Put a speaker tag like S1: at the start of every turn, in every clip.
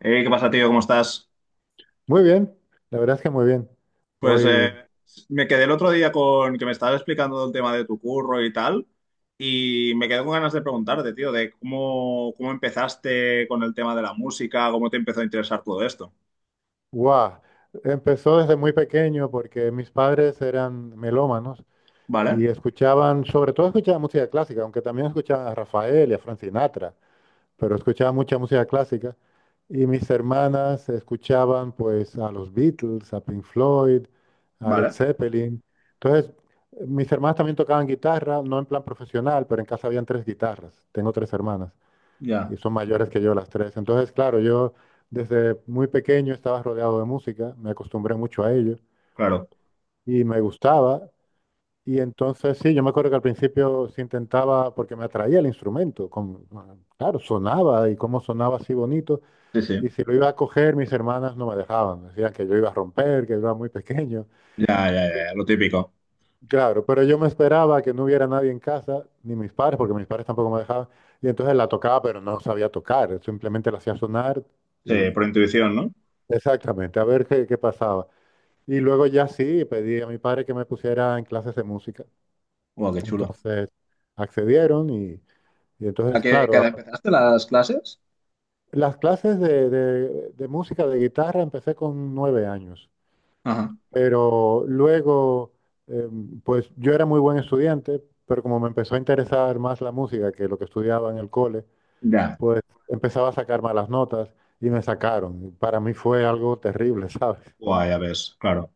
S1: ¿Qué pasa, tío? ¿Cómo estás?
S2: Muy bien, la verdad es que muy bien.
S1: Pues
S2: Hoy,
S1: me quedé el otro día con que me estabas explicando el tema de tu curro y tal, y me quedé con ganas de preguntarte, tío, de cómo empezaste con el tema de la música, cómo te empezó a interesar todo esto.
S2: wow, empezó desde muy pequeño porque mis padres eran melómanos
S1: ¿Vale?
S2: y sobre todo escuchaban música clásica, aunque también escuchaban a Rafael y a Frank Sinatra, pero escuchaban mucha música clásica. Y mis hermanas escuchaban pues a los Beatles, a Pink Floyd, a Led
S1: Vale,
S2: Zeppelin. Entonces, mis hermanas también tocaban guitarra, no en plan profesional, pero en casa habían tres guitarras. Tengo tres hermanas.
S1: ya,
S2: Y son mayores que yo las tres. Entonces, claro, yo desde muy pequeño estaba rodeado de música, me acostumbré mucho a ello
S1: claro.
S2: y me gustaba. Y entonces, sí, yo me acuerdo que al principio se intentaba, porque me atraía el instrumento, ah, claro, sonaba y cómo sonaba así bonito.
S1: Sí, sí.
S2: Y si lo iba a coger, mis hermanas no me dejaban, decían que yo iba a romper, que yo era muy pequeño.
S1: Ya, ya, ya, ya, lo típico.
S2: Claro, pero yo me esperaba que no hubiera nadie en casa, ni mis padres, porque mis padres tampoco me dejaban. Y entonces la tocaba, pero no sabía tocar, simplemente la hacía sonar
S1: Sí,
S2: y,
S1: por intuición, ¿no?
S2: exactamente, a ver qué pasaba. Y luego ya sí, pedí a mi padre que me pusiera en clases de música.
S1: Guau, qué chulo.
S2: Entonces accedieron y
S1: ¿A
S2: entonces,
S1: qué
S2: claro,
S1: edad empezaste las clases?
S2: las clases de, de música, de guitarra, empecé con 9 años.
S1: Ajá.
S2: Pero luego, eh, pues yo era muy buen estudiante, pero como me empezó a interesar más la música que lo que estudiaba en el cole,
S1: Ya.
S2: pues empezaba a sacar malas notas y me sacaron. Para mí fue algo terrible, ¿sabes?
S1: Guau, ya ves, claro.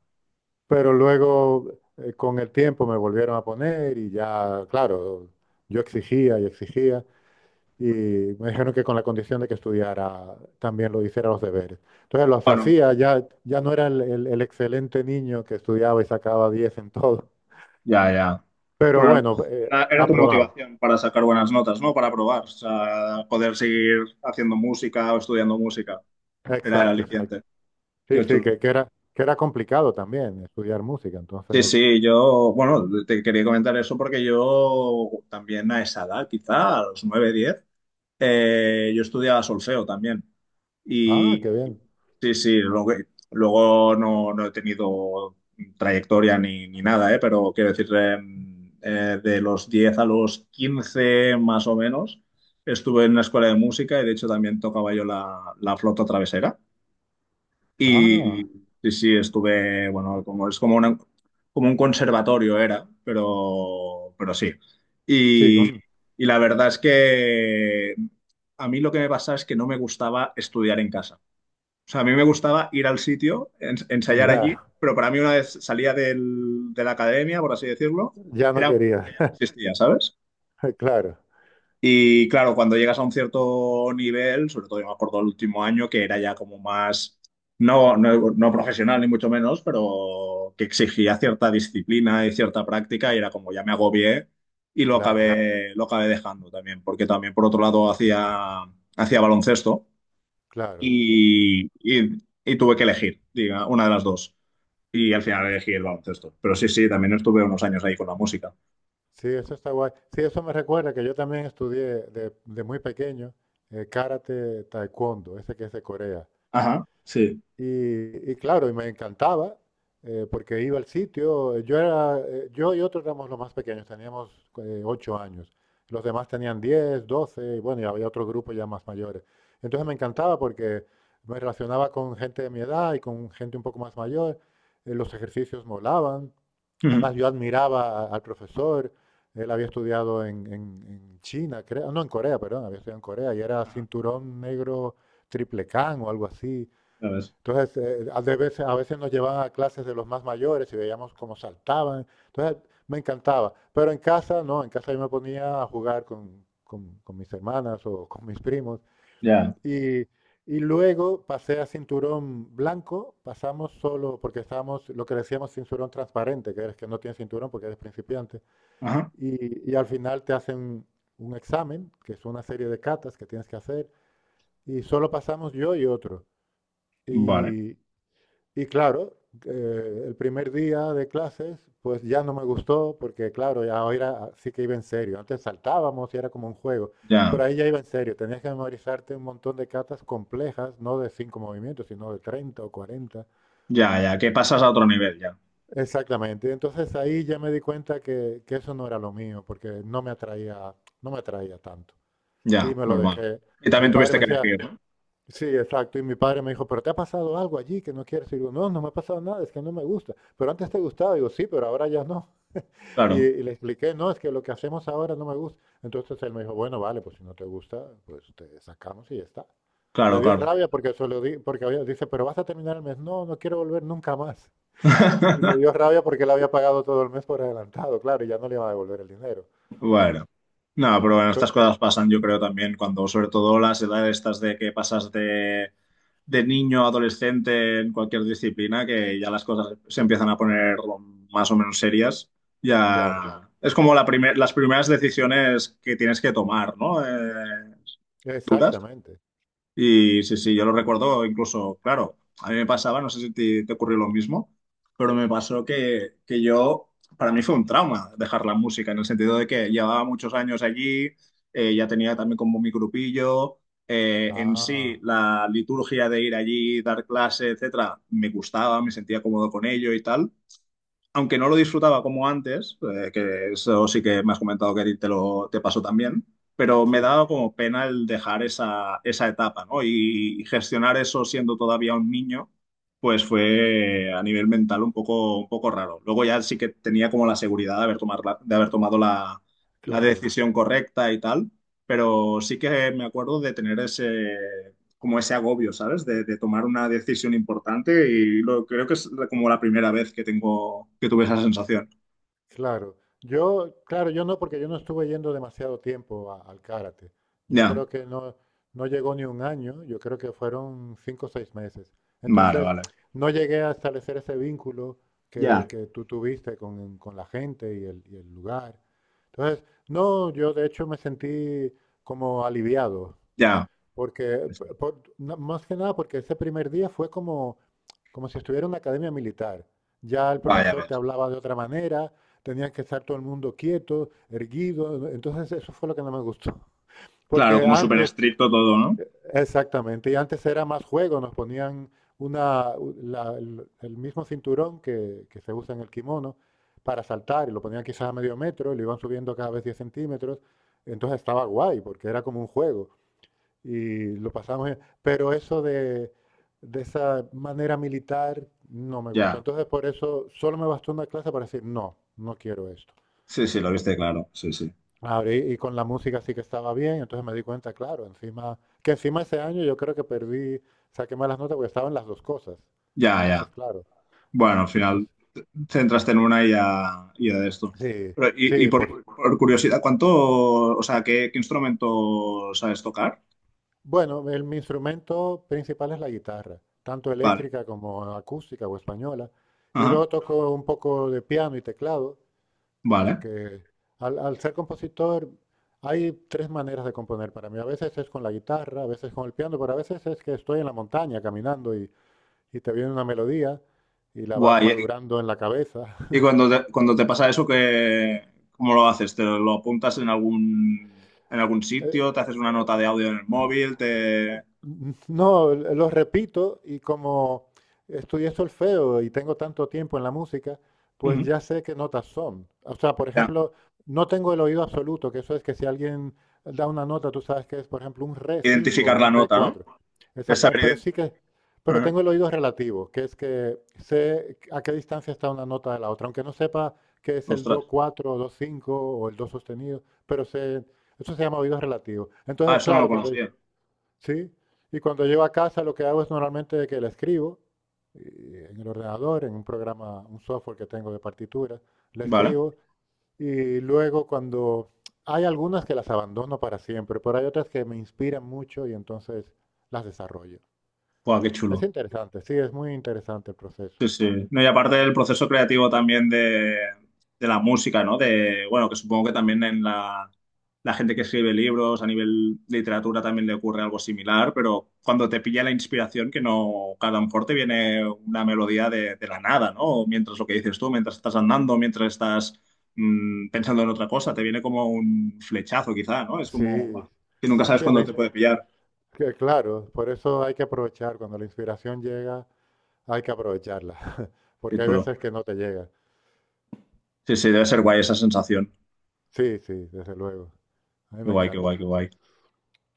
S2: Pero luego, con el tiempo, me volvieron a poner y ya, claro, yo exigía y exigía y me dijeron que con la condición de que estudiara también lo hiciera los deberes. Entonces los
S1: Bueno.
S2: hacía, ya, ya no era el excelente niño que estudiaba y sacaba 10 en todo,
S1: Ya, ya.
S2: pero
S1: Pero
S2: bueno,
S1: era tu
S2: aprobaba.
S1: motivación para sacar buenas notas, ¿no? Para probar, o sea, poder seguir haciendo música o estudiando música. Era el
S2: Exacto, exacto.
S1: aliciente.
S2: Sí,
S1: Qué
S2: sí,
S1: chulo.
S2: que era, que era complicado también estudiar música,
S1: Sí,
S2: entonces,
S1: sí, yo, bueno, te quería comentar eso porque yo también a esa edad, quizá a los 9, 10. Yo estudiaba solfeo también.
S2: ah, qué
S1: Y
S2: bien.
S1: sí, sí, luego no he tenido trayectoria ni nada, ¿eh? Pero quiero decir, de los 10 a los 15 más o menos, estuve en una escuela de música y de hecho también tocaba yo la flauta travesera. Y
S2: Ah,
S1: sí, sí, estuve, bueno, como es como una, como un conservatorio era, pero sí.
S2: sí,
S1: Y, y la verdad es que a mí lo que me pasaba es que no me gustaba estudiar en casa. O sea, a mí me gustaba ir al sitio, ensayar allí,
S2: ya,
S1: pero para mí una vez de la academia, por así decirlo,
S2: ya no
S1: era como que
S2: quería.
S1: no existía, ¿sabes?
S2: Claro,
S1: Y claro, cuando llegas a un cierto nivel, sobre todo yo me acuerdo el último año, que era ya como no, no profesional ni mucho menos, pero que exigía cierta disciplina y cierta práctica y era como ya me agobié y lo
S2: claro.
S1: lo acabé dejando también, porque también por otro lado hacía baloncesto
S2: Claro,
S1: y tuve que elegir, diga, una de las dos. Y al final elegí el baloncesto. Pero sí, sí, también estuve unos años ahí con la música.
S2: sí, eso está guay. Sí, eso me recuerda que yo también estudié de muy pequeño karate taekwondo, ese que es de Corea.
S1: Ajá, sí.
S2: Y claro, y me encantaba porque iba al sitio. Yo y otros éramos los más pequeños, teníamos 8 años. Los demás tenían 10, 12. Y bueno, y había otro grupo ya más mayores. Entonces me encantaba porque me relacionaba con gente de mi edad y con gente un poco más mayor. Los ejercicios molaban.
S1: Ujú.
S2: Además, yo admiraba al profesor, él había estudiado en, en China, creo, no, en Corea, perdón, había estudiado en Corea y era
S1: Ajá.
S2: cinturón negro triple can o algo así.
S1: Ya ves.
S2: Entonces, a veces nos llevaban a clases de los más mayores y veíamos cómo saltaban. Entonces, me encantaba. Pero en casa, no, en casa yo me ponía a jugar con, con mis hermanas o con mis primos
S1: Ya.
S2: y, y luego pasé a cinturón blanco, pasamos solo, porque estábamos, lo que decíamos, cinturón transparente, que eres que no tienes cinturón porque eres principiante.
S1: Ajá.
S2: Y al final te hacen un examen, que es una serie de catas que tienes que hacer, y solo pasamos yo y otro.
S1: Vale,
S2: Y, y claro, el primer día de clases, pues ya no me gustó, porque claro, ya ahora sí que iba en serio. Antes saltábamos y era como un juego,
S1: ya,
S2: pero ahí ya iba en serio. Tenías que memorizarte un montón de catas complejas, no de cinco movimientos, sino de 30 o 40.
S1: ya, ya, que pasas a otro nivel, ya,
S2: Exactamente. Entonces ahí ya me di cuenta que eso no era lo mío, porque no me atraía, no me atraía tanto. Y
S1: ya,
S2: me lo
S1: normal.
S2: dejé.
S1: Y
S2: Mi
S1: también
S2: padre
S1: tuviste
S2: me
S1: que
S2: decía,
S1: elegir, ¿no?
S2: sí, exacto. Y mi padre me dijo, ¿pero te ha pasado algo allí que no quieres? Y digo, no, no me ha pasado nada, es que no me gusta. Pero antes te gustaba. Digo, sí, pero ahora ya no. Y,
S1: Claro,
S2: y le expliqué, no, es que lo que hacemos ahora no me gusta. Entonces él me dijo, bueno, vale, pues si no te gusta, pues te sacamos y ya está. Le
S1: claro,
S2: dio
S1: claro.
S2: rabia porque se lo porque había, dice, pero vas a terminar el mes. No, no quiero volver nunca más. Y le dio rabia porque él había pagado todo el mes por adelantado, claro, y ya no le iba a devolver el dinero.
S1: Bueno, no, pero bueno,
S2: Pe-
S1: estas cosas pasan, yo creo también, cuando sobre todo las edades estas de que pasas de niño a adolescente en cualquier disciplina, que ya las cosas se empiezan a poner más o menos serias,
S2: claro,
S1: ya es como las primeras decisiones que tienes que tomar, ¿no? Duras.
S2: exactamente.
S1: Y sí, sí, yo lo recuerdo incluso, claro, a mí me pasaba, no sé si te ocurrió lo mismo, pero me pasó que yo, para mí fue un trauma dejar la música, en el sentido de que llevaba muchos años allí, ya tenía también como mi grupillo, en sí
S2: Ah,
S1: la liturgia de ir allí, dar clase, etcétera, me gustaba, me sentía cómodo con ello y tal, aunque no lo disfrutaba como antes, que eso sí que me has comentado que a ti te lo te pasó también, pero me
S2: sí,
S1: daba como pena el dejar esa etapa, ¿no? Y gestionar eso siendo todavía un niño, pues fue a nivel mental un poco raro. Luego ya sí que tenía como la seguridad de de haber tomado la
S2: claro.
S1: decisión correcta y tal, pero sí que me acuerdo de tener ese, como ese agobio, ¿sabes? De tomar una decisión importante y lo, creo que es como la primera vez que que tuve esa sensación.
S2: Claro, yo, claro, yo no, porque yo no estuve yendo demasiado tiempo al karate. Yo
S1: Ya,
S2: creo que no, no llegó ni un año, yo creo que fueron 5 o 6 meses.
S1: vale,
S2: Entonces,
S1: vale.
S2: no llegué a establecer ese vínculo
S1: Ya.
S2: que
S1: Vale.
S2: tú tuviste con la gente y el lugar. Entonces, no, yo de hecho me sentí como aliviado
S1: Ya.
S2: porque, más que nada, porque ese primer día fue como, como si estuviera en una academia militar. Ya el
S1: Vaya,
S2: profesor te
S1: ves.
S2: hablaba de otra manera, tenías que estar todo el mundo quieto, erguido. Entonces eso fue lo que no me gustó.
S1: Claro,
S2: Porque
S1: como súper
S2: antes,
S1: estricto todo, ¿no?
S2: exactamente, y antes era más juego, nos ponían una, u- la- el mismo cinturón que se usa en el kimono para saltar, y lo ponían quizás a medio metro, y lo iban subiendo cada vez 10 centímetros. Entonces estaba guay, porque era como un juego y lo pasamos bien. Pero eso de esa manera militar no me gustó.
S1: Ya.
S2: Entonces, por eso solo me bastó una clase para decir, no, no quiero esto.
S1: Sí, sí, lo viste claro. Sí, sí.
S2: Ahora, y con la música sí que estaba bien, entonces me di cuenta, claro, encima, que encima ese año yo creo que perdí, saqué malas notas porque estaban las dos cosas.
S1: Ya,
S2: Entonces,
S1: ya.
S2: claro,
S1: Bueno, al final
S2: entonces,
S1: centraste en una y ya de esto.
S2: sí,
S1: Pero,
S2: sí,
S1: por curiosidad, o sea, ¿ qué instrumento sabes tocar?
S2: bueno, mi instrumento principal es la guitarra, tanto
S1: Vale.
S2: eléctrica como acústica o española, y
S1: Ajá.
S2: luego toco un poco de piano y teclado.
S1: Vale.
S2: Porque al ser compositor hay tres maneras de componer para mí. A veces es con la guitarra, a veces con el piano, pero a veces es que estoy en la montaña caminando y te viene una melodía y la vas
S1: Guay.
S2: madurando en la cabeza.
S1: Y cuando cuando te pasa eso, ¿cómo lo haces? ¿Te lo apuntas en algún sitio? ¿Te
S2: Eh,
S1: haces una nota de audio en el móvil? ¿Te...
S2: no, lo repito y como estudié solfeo y tengo tanto tiempo en la música, pues
S1: Ujú.
S2: ya sé qué notas son. O sea, por
S1: Ya,
S2: ejemplo, no tengo el oído absoluto, que eso es que si alguien da una nota, tú sabes que es, por ejemplo, un re 5 o
S1: identificar la
S2: un re
S1: nota, ¿no?
S2: 4.
S1: Es
S2: Exactamente,
S1: saber
S2: pero sí pero
S1: ident-
S2: tengo el oído relativo, que es que sé a qué distancia está una nota de la otra, aunque no sepa que es el
S1: Ostras.
S2: do 4 o do 5 o el do sostenido, pero sé, eso se llama oído relativo.
S1: Ah,
S2: Entonces,
S1: eso no lo
S2: claro, cuando,
S1: conocía.
S2: sí, y cuando llego a casa lo que hago es normalmente que la escribo y en el ordenador, en un programa, un software que tengo de partituras, la
S1: Vale.
S2: escribo y luego cuando hay algunas que las abandono para siempre, pero hay otras que me inspiran mucho y entonces las desarrollo.
S1: Buah, qué
S2: Es
S1: chulo.
S2: interesante, sí, es muy interesante el proceso.
S1: Sí, sí. No, y aparte del proceso creativo también de la música, ¿no? De, bueno, que supongo que también en la gente que escribe libros, a nivel literatura también le ocurre algo similar, pero cuando te pilla la inspiración, que no, que a lo mejor te viene una melodía de la nada, ¿no? O mientras lo que dices tú, mientras estás andando, mientras estás pensando en otra cosa, te viene como un flechazo quizá, ¿no? Es como,
S2: Sí,
S1: guau, que nunca sabes
S2: sí, es la
S1: cuándo te puede pillar.
S2: que claro, por eso hay que aprovechar, cuando la inspiración llega, hay que aprovecharla,
S1: Qué
S2: porque hay
S1: chulo.
S2: veces que no te llega.
S1: Sí, sí, debe ser guay esa sensación.
S2: Sí, sí, desde luego, a mí
S1: Qué
S2: me
S1: guay, qué
S2: encanta.
S1: guay, qué guay.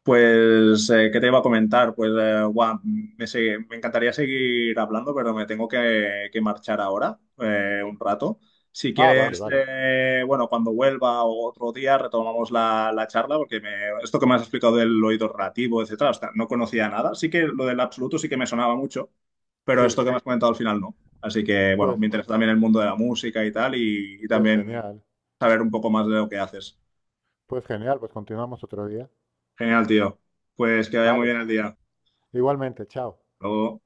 S1: Pues, ¿qué te iba a comentar? Pues, me encantaría seguir hablando, pero me tengo que marchar ahora, un rato. Si
S2: Ah, vale,
S1: quieres,
S2: vale.
S1: bueno, cuando vuelva o otro día retomamos la charla, porque esto que me has explicado del oído relativo, etcétera, hasta no conocía nada. Sí que lo del absoluto sí que me sonaba mucho, pero
S2: Sí,
S1: esto que me has comentado al final no. Así que, bueno,
S2: pues,
S1: me interesa también el mundo de la música y tal, y
S2: pues
S1: también
S2: genial.
S1: saber un poco más de lo que haces.
S2: Pues genial, pues continuamos otro día.
S1: Genial, tío. Pues que vaya muy
S2: Vale,
S1: bien el día. Hasta
S2: igualmente, chao.
S1: luego.